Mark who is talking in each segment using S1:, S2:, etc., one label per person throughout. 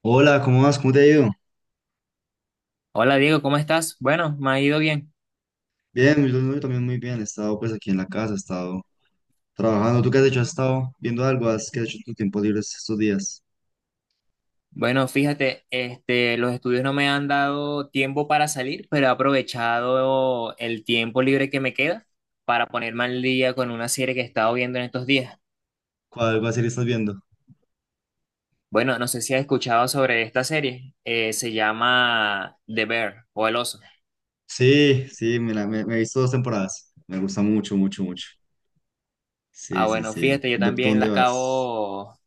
S1: Hola, ¿cómo vas? ¿Cómo te ha ido?
S2: Hola Diego, ¿cómo estás? Bueno, me ha ido bien.
S1: Bien, yo también muy bien. He estado pues aquí en la casa, he estado trabajando. ¿Tú qué has hecho? ¿Has estado viendo algo? ¿Qué has hecho en tus tiempos libres estos días?
S2: Bueno, fíjate, los estudios no me han dado tiempo para salir, pero he aprovechado el tiempo libre que me queda para ponerme al día con una serie que he estado viendo en estos días.
S1: ¿Cuál va a ser estás viendo?
S2: Bueno, no sé si has escuchado sobre esta serie. Se llama The Bear o El Oso.
S1: Sí, sí, me he visto dos temporadas. Me gusta mucho, mucho, mucho.
S2: Ah,
S1: Sí, sí,
S2: bueno,
S1: sí.
S2: fíjate, yo
S1: ¿Tú
S2: también
S1: dónde vas?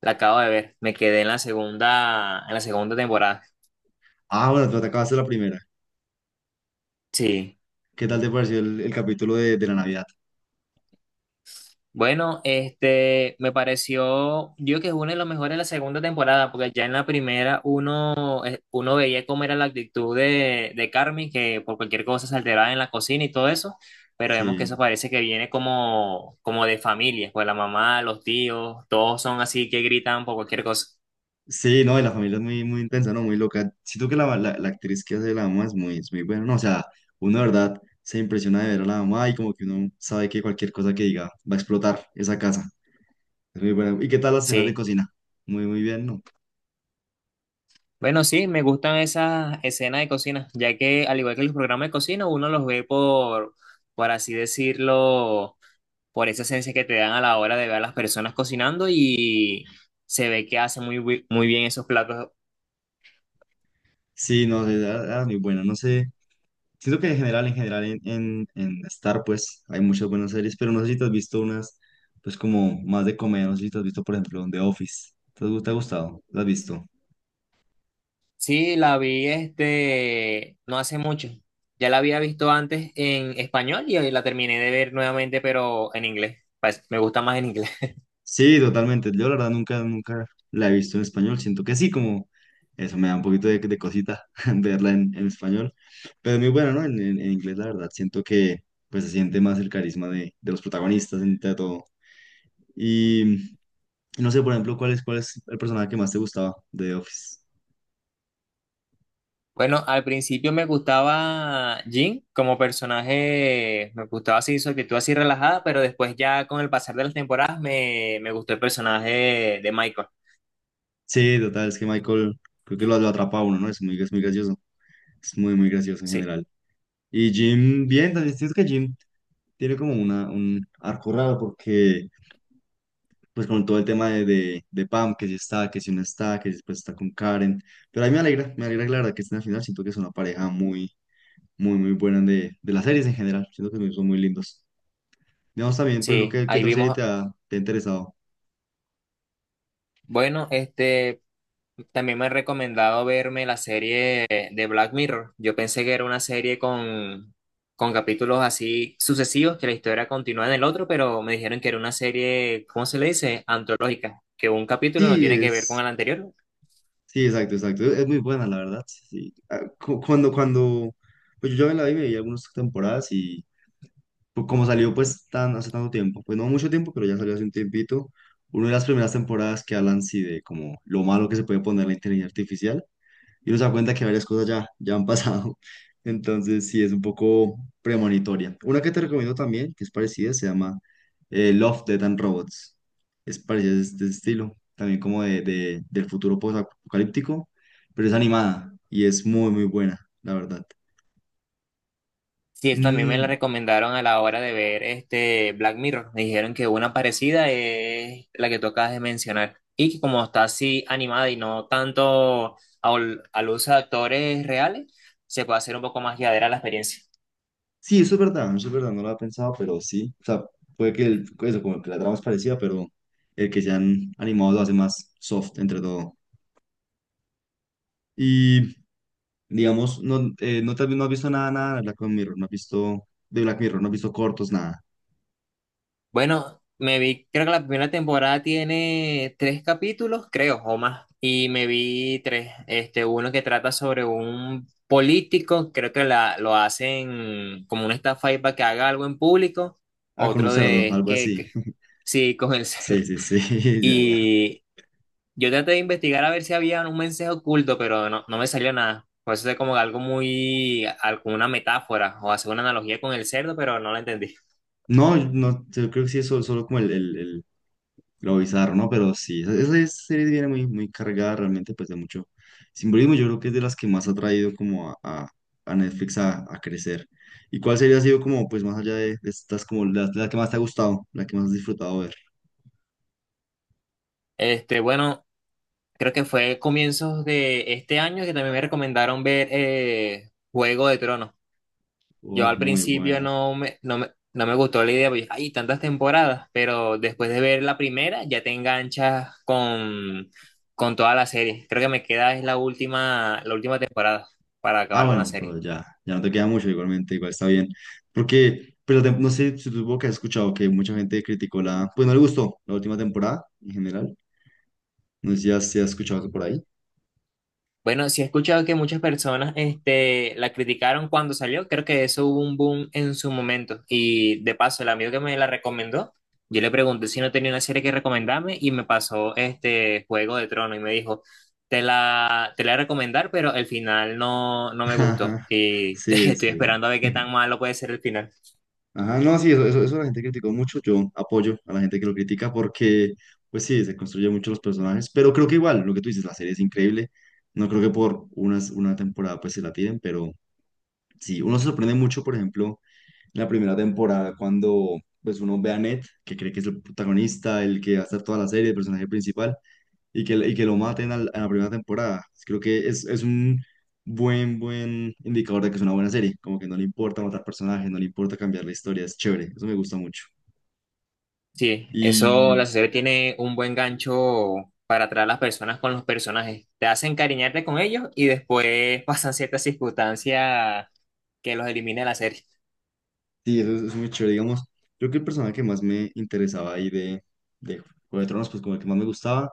S2: la acabo de ver. Me quedé en la segunda temporada.
S1: Ah, bueno, tú te acabaste la primera.
S2: Sí.
S1: ¿Qué tal te pareció el capítulo de la Navidad?
S2: Bueno, me pareció, yo que es una de las mejores de la segunda temporada, porque ya en la primera uno veía cómo era la actitud de Carmen, que por cualquier cosa se alteraba en la cocina y todo eso, pero vemos que eso
S1: Sí.
S2: parece que viene como de familia, pues la mamá, los tíos, todos son así que gritan por cualquier cosa.
S1: Sí, no, y la familia es muy, muy intensa, ¿no? Muy loca. Siento que la actriz que hace la mamá es muy buena, ¿no? O sea, uno de verdad se impresiona de ver a la mamá y como que uno sabe que cualquier cosa que diga va a explotar esa casa. Es muy buena. ¿Y qué tal las escenas de
S2: Sí.
S1: cocina? Muy, muy bien, ¿no?
S2: Bueno, sí, me gustan esas escenas de cocina, ya que al igual que los programas de cocina, uno los ve por así decirlo, por esa esencia que te dan a la hora de ver a las personas cocinando y se ve que hace muy bien esos platos.
S1: Sí, no, sí, era, era muy buena, no sé. Siento que en general, en general, en Star, pues, hay muchas buenas series, pero no sé si te has visto unas, pues, como más de comedia, no sé si te has visto, por ejemplo, The Office. ¿Te ha gustado? ¿La has visto?
S2: Sí, la vi no hace mucho. Ya la había visto antes en español y hoy la terminé de ver nuevamente, pero en inglés. Pues, me gusta más en inglés.
S1: Sí, totalmente. Yo la verdad nunca, nunca la he visto en español. Siento que sí, como eso me da un poquito de cosita verla en español. Pero es muy bueno, ¿no? En inglés, la verdad, siento que pues se siente más el carisma de los protagonistas entre todo. Y no sé, por ejemplo, ¿cuál es el personaje que más te gustaba de The Office?
S2: Bueno, al principio me gustaba Jin como personaje, me gustaba así su actitud así relajada, pero después ya con el pasar de las temporadas me gustó el personaje de Michael.
S1: Sí, total, es que Michael creo que lo atrapa a uno, ¿no? Es muy gracioso. Es muy, muy gracioso en
S2: Sí,
S1: general. Y Jim, bien, también siento que Jim tiene como una, un arco raro porque pues con todo el tema de Pam, que si está, que si no está, que si después está con Karen. Pero a mí me alegra que la verdad que estén al final. Siento que es una pareja muy, muy, muy buena de las series en general. Siento que son muy lindos. Digamos también, por lo
S2: sí,
S1: que, ¿qué
S2: ahí
S1: otra serie
S2: vimos.
S1: te ha interesado?
S2: Bueno, también me han recomendado verme la serie de Black Mirror. Yo pensé que era una serie con capítulos así sucesivos, que la historia continúa en el otro, pero me dijeron que era una serie, ¿cómo se le dice? Antológica, que un capítulo no
S1: Sí,
S2: tiene que ver con
S1: es,
S2: el anterior.
S1: sí, exacto, exacto. Es muy buena, la verdad. Sí. Ah, cuando, cuando, pues yo ya me la vi, me vi algunas temporadas y pues como salió pues tan, hace tanto tiempo, pues no mucho tiempo, pero ya salió hace un tiempito, una de las primeras temporadas que hablan sí de como lo malo que se puede poner la inteligencia artificial y uno se da cuenta que varias cosas ya, ya han pasado, entonces sí es un poco premonitoria. Una que te recomiendo también, que es parecida, se llama Love, Death and Robots, es parecida de este estilo, también como de, del futuro post-apocalíptico, pero es animada y es muy muy buena, la verdad.
S2: Sí, eso también me la
S1: Mm,
S2: recomendaron a la hora de ver este Black Mirror. Me dijeron que una parecida es la que tú acabas de mencionar. Y que como está así animada y no tanto al uso de actores reales, se puede hacer un poco más llevadera la experiencia.
S1: sí, eso es verdad, no lo había pensado, pero sí. O sea, puede que eso, como que la trama es parecida, pero el que sean animados lo hace más soft entre todo. Y, digamos, no, no, no has visto nada, nada de Black Mirror, no has visto de Black Mirror, no has visto cortos, nada.
S2: Bueno, me vi, creo que la primera temporada tiene tres capítulos, creo, o más. Y me vi tres. Este, uno que trata sobre un político, creo que lo hacen como una estafa ahí para que haga algo en público.
S1: Ah, con un
S2: Otro
S1: cerdo,
S2: de es
S1: algo así.
S2: que- Sí, con el
S1: Sí,
S2: cerdo.
S1: sí, sí, ya, ya.
S2: Y yo traté de investigar a ver si había un mensaje oculto, pero no me salió nada. Por eso es como algo muy, alguna metáfora o hacer una analogía con el cerdo, pero no la entendí.
S1: No, no, yo creo que sí es solo, solo como lo bizarro, ¿no? Pero sí, esa, esa serie viene muy, muy cargada realmente pues de mucho simbolismo. Yo creo que es de las que más ha traído como a, a Netflix a crecer. ¿Y cuál serie ha sido como pues más allá de estas como la que más te ha gustado, la que más has disfrutado ver?
S2: Este, bueno. Creo que fue comienzos de este año que también me recomendaron ver Juego de Tronos. Yo
S1: Oh,
S2: al
S1: muy
S2: principio
S1: buena.
S2: no me gustó la idea, porque hay tantas temporadas, pero después de ver la primera ya te enganchas con toda la serie. Creo que me queda es la última temporada para
S1: Ah,
S2: acabar con la
S1: bueno, pero
S2: serie.
S1: ya, ya no te queda mucho igualmente, igual está bien. Porque, pero no sé si tú que has escuchado que mucha gente criticó la, pues no le gustó la última temporada en general. No sé si has, si has escuchado eso por ahí.
S2: Bueno, sí he escuchado que muchas personas la criticaron cuando salió. Creo que eso hubo un boom en su momento. Y de paso, el amigo que me la recomendó, yo le pregunté si no tenía una serie que recomendarme y me pasó este Juego de Tronos y me dijo, te la voy a recomendar, pero el final no me gustó.
S1: Ajá.
S2: Y
S1: Sí,
S2: estoy
S1: sí.
S2: esperando a ver qué tan malo puede ser el final.
S1: Ajá, no, sí, eso la gente criticó mucho. Yo apoyo a la gente que lo critica porque, pues sí, se construyen mucho los personajes, pero creo que igual, lo que tú dices, la serie es increíble. No creo que por unas, una temporada pues se la tiren, pero sí, uno se sorprende mucho, por ejemplo, en la primera temporada cuando pues uno ve a Ned, que cree que es el protagonista, el que va a estar toda la serie, el personaje principal, y que lo maten a la primera temporada. Creo que es un buen, buen indicador de que es una buena serie. Como que no le importa matar personajes, no le importa cambiar la historia, es chévere, eso me gusta mucho.
S2: Sí,
S1: Y
S2: eso, la serie tiene un buen gancho para atraer a las personas con los personajes. Te hacen encariñarte con ellos y después pasan ciertas circunstancias que los elimina de la serie.
S1: sí, eso es muy chévere, digamos. Creo que el personaje que más me interesaba ahí de Juego de Tronos, pues como el que más me gustaba,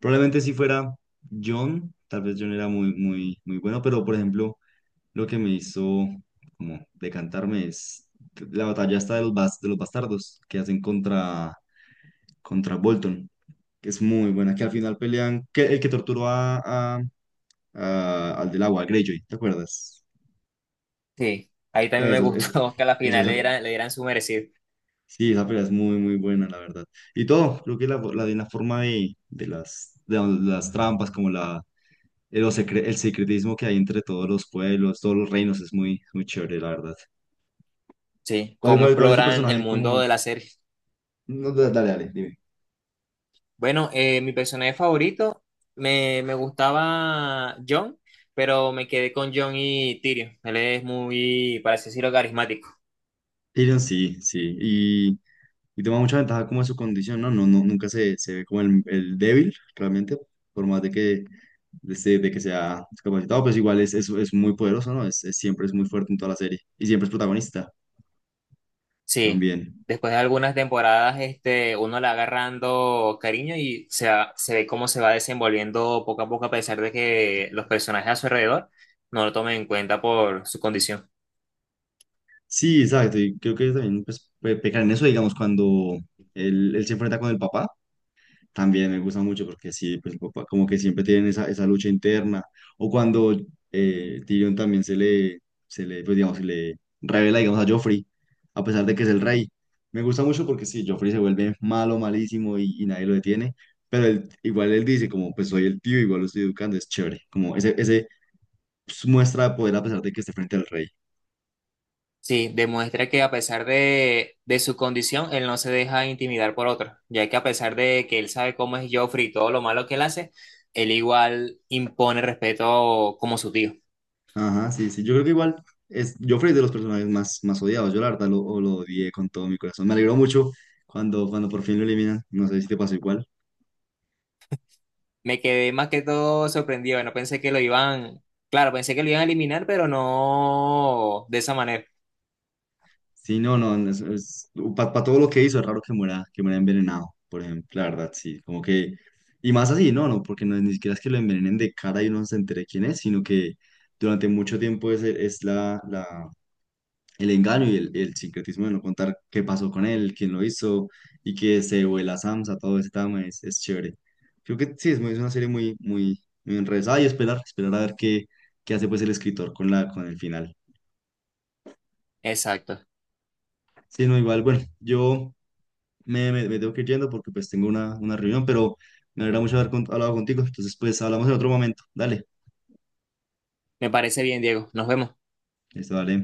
S1: probablemente si fuera Jon tal vez Jon era muy, muy, muy bueno, pero por ejemplo, lo que me hizo como decantarme es la batalla esta de los, de los bastardos que hacen contra contra Bolton, que es muy buena, que al final pelean, que el que torturó a, a- al del agua, a Greyjoy, ¿te acuerdas?
S2: Sí, ahí también me
S1: Eso, es,
S2: gustó que a la
S1: eso,
S2: final le dieran su merecido.
S1: sí, esa pelea es muy, muy buena, la verdad. Y todo, creo que la, de la forma de las trampas, como la, el, el secretismo que hay entre todos los pueblos, todos los reinos, es muy, muy chévere, la verdad.
S2: Sí, cómo
S1: ¿Cuál es tu
S2: exploran el
S1: personaje
S2: mundo
S1: como...
S2: de la serie.
S1: No, dale, dale, dime.
S2: Bueno, mi personaje favorito me gustaba John, pero me quedé con John y Tyrion. Él es muy, para así decirlo, carismático.
S1: Tyrion, sí, sí. Y toma mucha ventaja como de su condición, ¿no? No, no nunca se, se ve como el débil, realmente, por más de que, de, de que sea discapacitado, pues igual es muy poderoso, ¿no? Es, siempre es muy fuerte en toda la serie y siempre es protagonista
S2: Sí,
S1: también.
S2: después de algunas temporadas, uno le va agarrando cariño y se ve cómo se va desenvolviendo poco a poco, a pesar de que los personajes a su alrededor no lo tomen en cuenta por su condición.
S1: Sí, exacto, y creo que también pues, pecar en eso, digamos, cuando él se enfrenta con el papá. También me gusta mucho porque sí, pues el papá como que siempre tienen esa, esa lucha interna. O cuando Tyrion también pues digamos, se le revela, digamos, a Joffrey, a pesar de que es el rey. Me gusta mucho porque sí, Joffrey se vuelve malo, malísimo y nadie lo detiene. Pero igual él dice como, pues soy el tío, igual lo estoy educando, es chévere. Como ese pues, muestra de poder a pesar de que esté frente al rey.
S2: Sí, demuestra que a pesar de su condición, él no se deja intimidar por otros, ya que a pesar de que él sabe cómo es Joffrey y todo lo malo que él hace, él igual impone respeto como su tío.
S1: Ajá, sí, sí. Yo creo que igual es Joffrey es de los personajes más, más odiados. Yo la verdad lo, o lo odié con todo mi corazón. Me alegró mucho cuando, cuando por fin lo eliminan. No sé si te pasó igual.
S2: Me quedé más que todo sorprendido. No pensé que lo iban, claro, pensé que lo iban a eliminar, pero no de esa manera.
S1: Sí, no, no, no, es para todo lo que hizo, es raro que muera envenenado, por ejemplo. La verdad, sí. Como que. Y más así, no, no, porque no, ni siquiera es que lo envenenen de cara y uno no se entere quién es, sino que durante mucho tiempo es la, la, el engaño y el sincretismo de no contar qué pasó con él, quién lo hizo y que se vuela Samsa, todo ese tema es chévere. Creo que sí, es, es una serie muy, muy, muy enrevesada y esperar, esperar a ver qué, qué hace pues el escritor con la, con el final.
S2: Exacto.
S1: Sí, no, igual, bueno, yo me tengo que ir yendo porque pues tengo una reunión, pero me alegra mucho haber hablado contigo, entonces pues hablamos en otro momento. Dale,
S2: Me parece bien, Diego. Nos vemos.
S1: listo, dale.